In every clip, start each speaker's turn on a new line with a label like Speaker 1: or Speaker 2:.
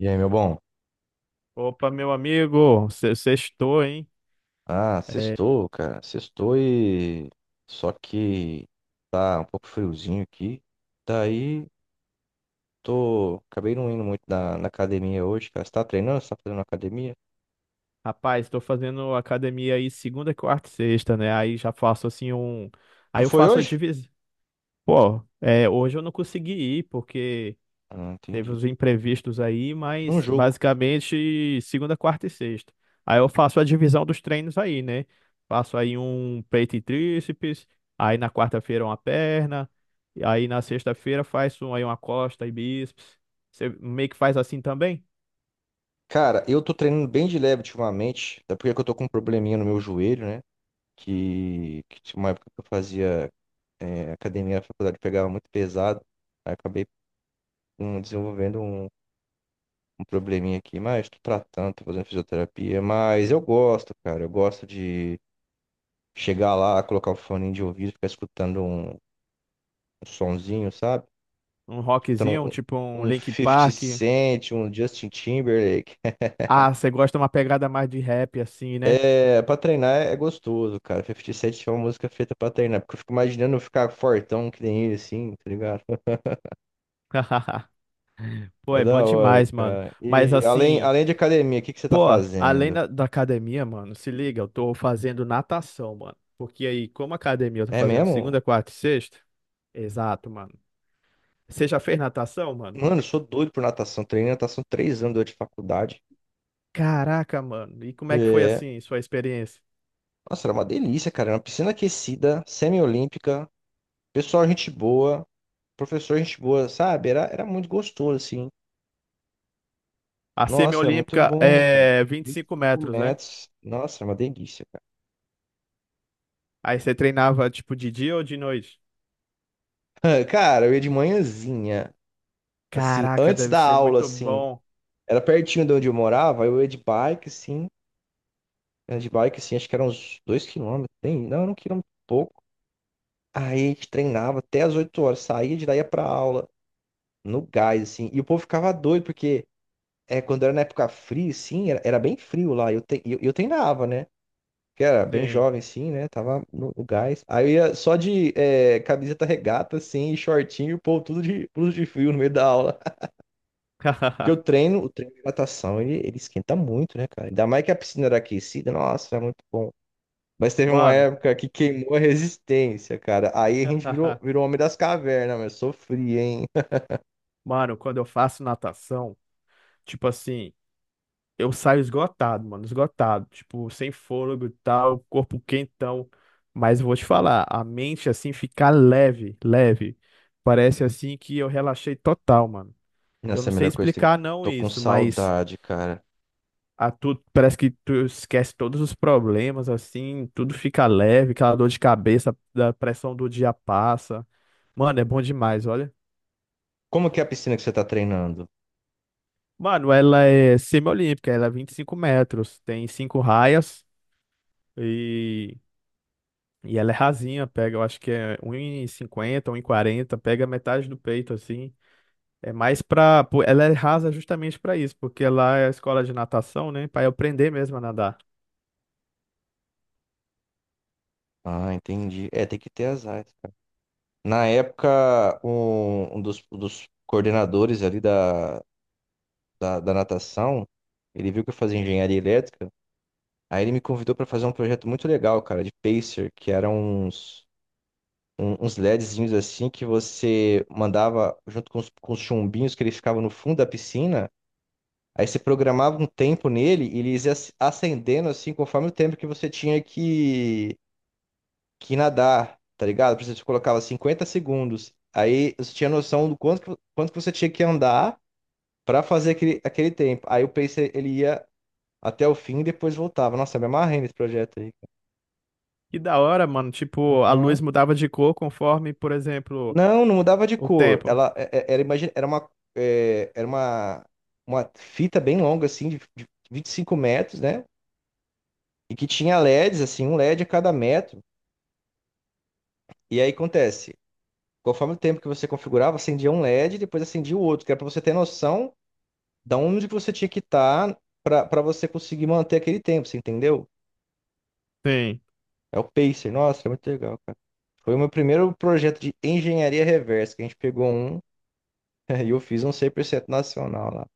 Speaker 1: E aí, meu bom?
Speaker 2: Opa, meu amigo, sextou, hein?
Speaker 1: Ah,
Speaker 2: É,
Speaker 1: sextou, cara. Sextou e. Só que tá um pouco friozinho aqui. Daí, tô. Acabei não indo muito na academia hoje, cara. Você tá treinando? Você tá fazendo academia?
Speaker 2: rapaz, estou fazendo academia aí segunda, quarta e sexta, né? Aí já faço assim um.
Speaker 1: Tu
Speaker 2: Aí eu
Speaker 1: foi
Speaker 2: faço a
Speaker 1: hoje?
Speaker 2: divisão. Pô, é, hoje eu não consegui ir porque
Speaker 1: Ah,
Speaker 2: teve
Speaker 1: entendi.
Speaker 2: os imprevistos aí,
Speaker 1: Num
Speaker 2: mas
Speaker 1: jogo.
Speaker 2: basicamente segunda, quarta e sexta. Aí eu faço a divisão dos treinos aí, né? Faço aí um peito e tríceps, aí na quarta-feira uma perna, e aí na sexta-feira faço aí uma costa e bíceps. Você meio que faz assim também?
Speaker 1: Cara, eu tô treinando bem de leve ultimamente. Até porque eu tô com um probleminha no meu joelho, né? Que tinha uma época que eu fazia academia na faculdade, pegava muito pesado. Aí acabei desenvolvendo um probleminha aqui, mas tô tratando, tô fazendo fisioterapia. Mas eu gosto, cara. Eu gosto de chegar lá, colocar o fone de ouvido, ficar escutando um sonzinho, sabe?
Speaker 2: Um rockzinho, um
Speaker 1: Escutando
Speaker 2: tipo um
Speaker 1: um
Speaker 2: Linkin
Speaker 1: fifty
Speaker 2: Park.
Speaker 1: Cent, um Justin Timberlake.
Speaker 2: Ah, você gosta de uma pegada mais de rap, assim, né?
Speaker 1: É, pra treinar é gostoso, cara. Fifty Cent é uma música feita pra treinar, porque eu fico imaginando eu ficar fortão que nem ele, assim, tá ligado?
Speaker 2: Pô,
Speaker 1: É
Speaker 2: é bom
Speaker 1: da hora,
Speaker 2: demais, mano.
Speaker 1: cara.
Speaker 2: Mas
Speaker 1: E além,
Speaker 2: assim,
Speaker 1: além de academia, o que que você tá
Speaker 2: pô, além
Speaker 1: fazendo?
Speaker 2: da academia, mano, se liga, eu tô fazendo natação, mano. Porque aí, como academia eu tô
Speaker 1: É
Speaker 2: fazendo
Speaker 1: mesmo?
Speaker 2: segunda, quarta e sexta. Exato, mano. Você já fez natação, mano?
Speaker 1: Mano, eu sou doido por natação. Treinei natação 3 anos durante a faculdade.
Speaker 2: Caraca, mano. E como é que foi
Speaker 1: É,
Speaker 2: assim, sua experiência?
Speaker 1: Nossa, era uma delícia, cara. Era uma piscina aquecida, semi-olímpica, pessoal, gente boa, professor, gente boa, sabe? Era muito gostoso, assim.
Speaker 2: A
Speaker 1: Nossa, era muito
Speaker 2: semiolímpica
Speaker 1: bom, cara.
Speaker 2: é vinte e
Speaker 1: vinte
Speaker 2: cinco
Speaker 1: e cinco
Speaker 2: metros, né?
Speaker 1: metros. Nossa, era uma delícia, cara.
Speaker 2: Aí você treinava tipo de dia ou de noite?
Speaker 1: Cara, eu ia de manhãzinha, assim,
Speaker 2: Caraca,
Speaker 1: antes
Speaker 2: deve
Speaker 1: da
Speaker 2: ser
Speaker 1: aula,
Speaker 2: muito
Speaker 1: assim.
Speaker 2: bom.
Speaker 1: Era pertinho de onde eu morava, eu ia de bike, assim. Era de bike, assim, acho que eram uns 2 quilômetros. Tem, não, era 1 quilômetro e pouco. Aí a gente treinava até as 8 horas, saía de daí ia pra aula, no gás, assim. E o povo ficava doido, porque. É, quando era na época fria, sim, era bem frio lá. Eu treinava, né? Que era bem
Speaker 2: Sim.
Speaker 1: jovem, sim, né? Tava no gás. Aí eu ia só de camiseta regata, assim, e shortinho, pô, tudo de blusa de frio no meio da aula. Porque eu treino, o treino de natação, ele esquenta muito, né, cara? Ainda mais que a piscina era aquecida, nossa, era muito bom. Mas teve uma
Speaker 2: Mano,
Speaker 1: época que queimou a resistência, cara. Aí a gente virou, virou homem das cavernas, mas sofri, hein?
Speaker 2: mano, quando eu faço natação, tipo assim, eu saio esgotado, mano, esgotado, tipo, sem fôlego e tal, corpo quentão. Mas eu vou te falar, a mente assim fica leve, leve. Parece assim que eu relaxei total, mano. Eu
Speaker 1: Nossa,
Speaker 2: não
Speaker 1: é a
Speaker 2: sei
Speaker 1: melhor coisa que tem.
Speaker 2: explicar não
Speaker 1: Tô com
Speaker 2: isso, mas
Speaker 1: saudade, cara.
Speaker 2: a tu, parece que tu esquece todos os problemas assim, tudo fica leve, aquela dor de cabeça, da pressão do dia passa. Mano, é bom demais, olha.
Speaker 1: Como que é a piscina que você tá treinando?
Speaker 2: Mano, ela é semi-olímpica, ela é 25 metros, tem cinco raias e, e ela é rasinha, pega, eu acho que é um 1,50, quarenta. Pega metade do peito, assim. É mais pra. Pô, ela é rasa justamente pra isso, porque lá é a escola de natação, né? Pra eu aprender mesmo a nadar.
Speaker 1: Ah, entendi. É, tem que ter as áreas, cara. Na época, um dos coordenadores ali da natação, ele viu que eu fazia engenharia elétrica, aí ele me convidou para fazer um projeto muito legal, cara, de pacer, que eram uns LEDzinhos assim que você mandava junto com os chumbinhos que eles ficavam no fundo da piscina, aí você programava um tempo nele e eles ia acendendo assim conforme o tempo que você tinha que nadar, tá ligado? Por exemplo, você colocava 50 segundos. Aí você tinha noção do quanto que você tinha que andar pra fazer aquele tempo. Aí o pacer ele ia até o fim e depois voltava. Nossa, eu me amarrei nesse projeto aí.
Speaker 2: E da hora, mano, tipo, a luz
Speaker 1: Aham.
Speaker 2: mudava de cor conforme, por exemplo,
Speaker 1: Não, não mudava de
Speaker 2: o
Speaker 1: cor.
Speaker 2: tempo.
Speaker 1: Era, imagina, era uma fita bem longa assim de 25 metros, né? E que tinha LEDs assim, um LED a cada metro. E aí acontece, conforme o tempo que você configurava, acendia um LED e depois acendia o outro, que era pra você ter noção da onde que você tinha que estar pra para você conseguir manter aquele tempo, você entendeu?
Speaker 2: Sim.
Speaker 1: É o pacer. Nossa, é muito legal, cara. Foi o meu primeiro projeto de engenharia reversa, que a gente pegou um e eu fiz um 100% nacional lá.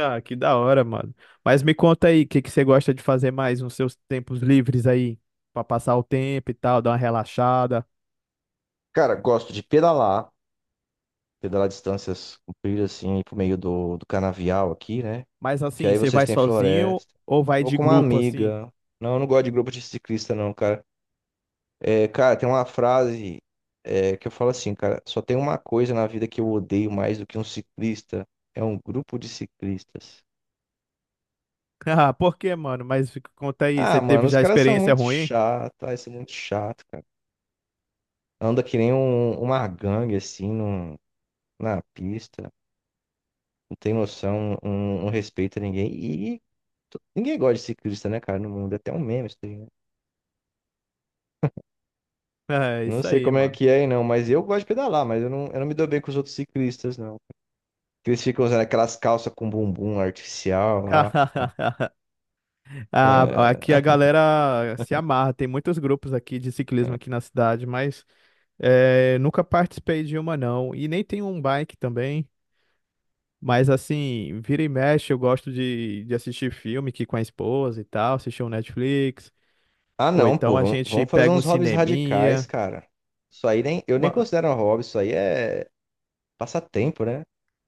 Speaker 2: Ah, que da hora, mano. Mas me conta aí, o que que você gosta de fazer mais nos seus tempos livres aí? Pra passar o tempo e tal, dar uma relaxada.
Speaker 1: Cara, gosto de pedalar, pedalar distâncias compridas assim, pro meio do canavial aqui, né?
Speaker 2: Mas
Speaker 1: Que
Speaker 2: assim,
Speaker 1: aí
Speaker 2: você
Speaker 1: vocês
Speaker 2: vai
Speaker 1: têm
Speaker 2: sozinho
Speaker 1: floresta.
Speaker 2: ou vai
Speaker 1: Vou
Speaker 2: de
Speaker 1: com uma
Speaker 2: grupo assim?
Speaker 1: amiga. Não, eu não gosto de grupo de ciclista, não, cara. É, cara, tem uma frase, é, que eu falo assim, cara, só tem uma coisa na vida que eu odeio mais do que um ciclista, é um grupo de ciclistas.
Speaker 2: Ah, por quê, mano? Mas conta aí,
Speaker 1: Ah,
Speaker 2: você
Speaker 1: mano,
Speaker 2: teve
Speaker 1: os
Speaker 2: já
Speaker 1: caras são
Speaker 2: experiência
Speaker 1: muito
Speaker 2: ruim?
Speaker 1: chatos, ah, isso é muito chato, cara. Anda que nem uma gangue, assim, na pista, não tem noção, um respeito a ninguém. E ninguém gosta de ciclista, né, cara, no mundo, é até um meme isso daí, né?
Speaker 2: É
Speaker 1: Não
Speaker 2: isso
Speaker 1: sei
Speaker 2: aí,
Speaker 1: como é
Speaker 2: mano.
Speaker 1: que é, aí, não, mas eu gosto de pedalar, mas eu não me dou bem com os outros ciclistas, não. Que eles ficam usando aquelas calças com bumbum artificial lá.
Speaker 2: Ah, aqui a
Speaker 1: É.
Speaker 2: galera se amarra, tem muitos grupos aqui de ciclismo aqui na cidade, mas nunca participei de uma não. E nem tem um bike também. Mas assim, vira e mexe, eu gosto de assistir filme aqui com a esposa e tal, assistir um Netflix,
Speaker 1: Ah,
Speaker 2: ou
Speaker 1: não, pô,
Speaker 2: então a
Speaker 1: vamos,
Speaker 2: gente
Speaker 1: vamos fazer
Speaker 2: pega um
Speaker 1: uns hobbies radicais,
Speaker 2: cineminha.
Speaker 1: cara. Isso aí nem, eu nem
Speaker 2: ma-
Speaker 1: considero um hobby, isso aí é passatempo, né?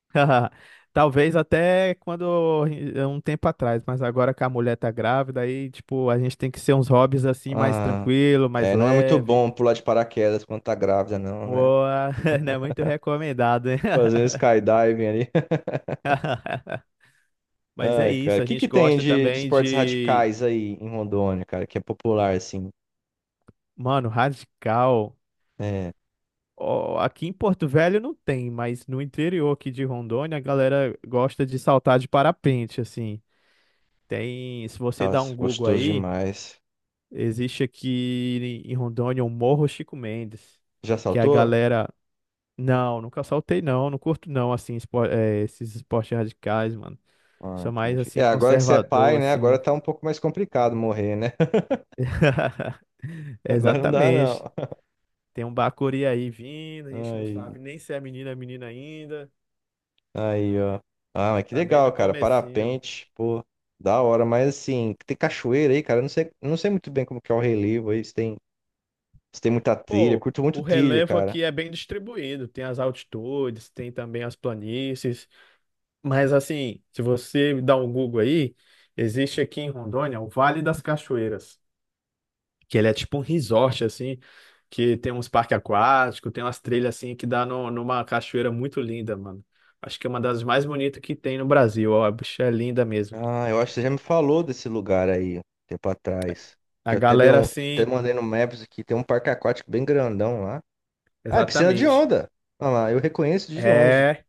Speaker 2: Talvez até quando um tempo atrás, mas agora que a mulher tá grávida, aí tipo, a gente tem que ser uns hobbies assim mais
Speaker 1: Ah,
Speaker 2: tranquilo, mais
Speaker 1: é, não é muito
Speaker 2: leve.
Speaker 1: bom pular de paraquedas quando tá grávida, não, né?
Speaker 2: Boa, não é muito recomendado, hein?
Speaker 1: Fazer um skydiving ali.
Speaker 2: Mas é
Speaker 1: Ai, cara,
Speaker 2: isso,
Speaker 1: o
Speaker 2: a
Speaker 1: que que
Speaker 2: gente
Speaker 1: tem
Speaker 2: gosta
Speaker 1: de
Speaker 2: também
Speaker 1: esportes
Speaker 2: de,
Speaker 1: radicais aí em Rondônia, cara, que é popular, assim?
Speaker 2: mano, radical.
Speaker 1: É,
Speaker 2: Ó, aqui em Porto Velho não tem, mas no interior aqui de Rondônia a galera gosta de saltar de parapente, assim. Tem, se você dá um
Speaker 1: nossa,
Speaker 2: Google
Speaker 1: gostoso
Speaker 2: aí,
Speaker 1: demais.
Speaker 2: existe aqui em Rondônia o Morro Chico Mendes,
Speaker 1: Já
Speaker 2: que a
Speaker 1: saltou?
Speaker 2: galera, não, nunca saltei não, não curto não, assim, esses esportes radicais, mano.
Speaker 1: Ah,
Speaker 2: Sou mais,
Speaker 1: entendi. É,
Speaker 2: assim,
Speaker 1: agora que você é pai,
Speaker 2: conservador,
Speaker 1: né? Agora
Speaker 2: assim.
Speaker 1: tá um pouco mais complicado morrer, né? Agora não dá,
Speaker 2: Exatamente.
Speaker 1: não.
Speaker 2: Tem um bacuri aí vindo, a gente não
Speaker 1: Aí,
Speaker 2: sabe nem se é menina ou menina ainda.
Speaker 1: aí, ó. Ah, mas que
Speaker 2: Tá bem
Speaker 1: legal,
Speaker 2: no
Speaker 1: cara.
Speaker 2: comecinho.
Speaker 1: Parapente, pô, da hora. Mas assim, tem cachoeira aí, cara. Eu não sei muito bem como que é o relevo aí. Se tem muita trilha. Eu
Speaker 2: Pô,
Speaker 1: curto
Speaker 2: o
Speaker 1: muito trilha,
Speaker 2: relevo
Speaker 1: cara.
Speaker 2: aqui é bem distribuído. Tem as altitudes, tem também as planícies. Mas assim, se você dá um Google aí, existe aqui em Rondônia o Vale das Cachoeiras, que ele é tipo um resort assim, que tem uns parques aquáticos, tem umas trilhas assim que dá numa cachoeira muito linda, mano. Acho que é uma das mais bonitas que tem no Brasil. Ó, a bicha é linda mesmo.
Speaker 1: Ah, eu acho que você já me falou desse lugar aí, um tempo atrás. Que
Speaker 2: A
Speaker 1: eu até dei
Speaker 2: galera
Speaker 1: um, até
Speaker 2: assim,
Speaker 1: mandei no Maps aqui. Tem um parque aquático bem grandão lá. Ah, é piscina de
Speaker 2: exatamente.
Speaker 1: onda. Olha lá, eu reconheço de longe.
Speaker 2: É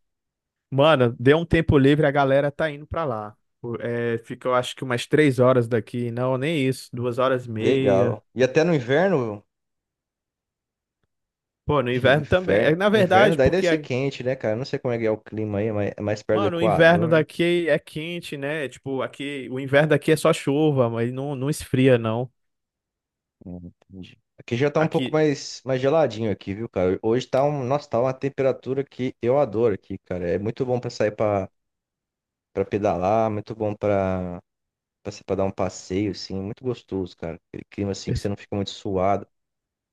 Speaker 2: mano, deu um tempo livre, a galera tá indo pra lá. Pô, é, fica, eu acho que umas três horas daqui. Não, nem isso. Duas horas e
Speaker 1: Legal.
Speaker 2: meia.
Speaker 1: E até no inverno.
Speaker 2: Pô, no
Speaker 1: Ixi,
Speaker 2: inverno também.
Speaker 1: inverno.
Speaker 2: É, na
Speaker 1: Inverno
Speaker 2: verdade,
Speaker 1: daí deve
Speaker 2: porque,
Speaker 1: ser quente, né, cara? Não sei como é que é o clima aí, mas mais, é mais perto do
Speaker 2: mano, o inverno
Speaker 1: Equador, né?
Speaker 2: daqui é quente, né? Tipo, aqui, o inverno daqui é só chuva, mas não, não esfria, não.
Speaker 1: Entendi. Aqui já tá um pouco
Speaker 2: Aqui.
Speaker 1: mais geladinho aqui, viu, cara? Hoje tá um, nossa, tá uma temperatura que eu adoro aqui, cara. É muito bom pra sair pra, pra pedalar, muito bom pra, pra dar um passeio, assim, muito gostoso, cara. Aquele clima assim que você não fica muito suado.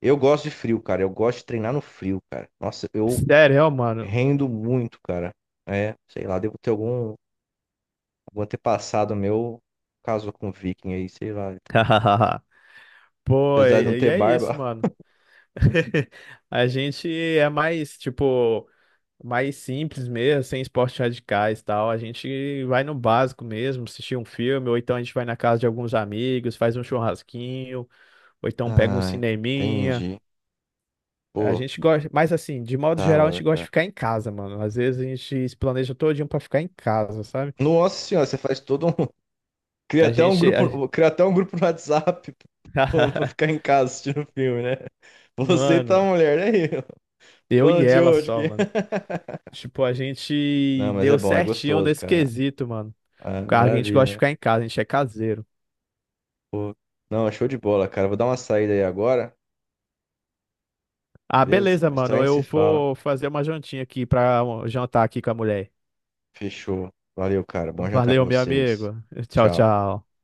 Speaker 1: Eu gosto de frio, cara. Eu gosto de treinar no frio, cara. Nossa, eu
Speaker 2: Sério, ó, mano.
Speaker 1: rendo muito, cara. É, sei lá, devo ter algum o antepassado meu casou com um viking aí, sei lá.
Speaker 2: Pô,
Speaker 1: Apesar de não
Speaker 2: e
Speaker 1: ter
Speaker 2: é isso,
Speaker 1: barba.
Speaker 2: mano. A gente é mais, tipo. Mais simples mesmo, sem esportes radicais e tal. A gente vai no básico mesmo, assistir um filme, ou então a gente vai na casa de alguns amigos, faz um churrasquinho, ou então pega um
Speaker 1: Ah,
Speaker 2: cineminha.
Speaker 1: entendi.
Speaker 2: A
Speaker 1: Pô,
Speaker 2: gente gosta, mas assim, de modo
Speaker 1: da
Speaker 2: geral, a
Speaker 1: hora,
Speaker 2: gente gosta de
Speaker 1: cara.
Speaker 2: ficar em casa, mano. Às vezes a gente se planeja todinho pra ficar em casa, sabe?
Speaker 1: Nossa senhora, você faz todo um. Cria
Speaker 2: A
Speaker 1: até um
Speaker 2: gente. a-
Speaker 1: grupo, no WhatsApp plano pra ficar em casa assistindo filme, né? Você e tua
Speaker 2: Mano,
Speaker 1: mulher, né?
Speaker 2: eu e
Speaker 1: Plano de
Speaker 2: ela
Speaker 1: hoje aqui.
Speaker 2: só, mano. Tipo, a gente
Speaker 1: Não, mas é
Speaker 2: deu
Speaker 1: bom, é
Speaker 2: certinho
Speaker 1: gostoso,
Speaker 2: nesse
Speaker 1: cara.
Speaker 2: quesito, mano.
Speaker 1: Ah,
Speaker 2: Cara, a gente gosta de
Speaker 1: maravilha, né?
Speaker 2: ficar em casa, a gente é caseiro.
Speaker 1: Pô. Não, show de bola, cara. Vou dar uma saída aí agora,
Speaker 2: Ah,
Speaker 1: beleza?
Speaker 2: beleza,
Speaker 1: Mais tarde
Speaker 2: mano.
Speaker 1: a gente se
Speaker 2: Eu
Speaker 1: fala.
Speaker 2: vou fazer uma jantinha aqui pra jantar aqui com a mulher.
Speaker 1: Fechou. Valeu, cara. Bom jantar pra
Speaker 2: Valeu, meu
Speaker 1: vocês.
Speaker 2: amigo. Tchau,
Speaker 1: Tchau.
Speaker 2: tchau.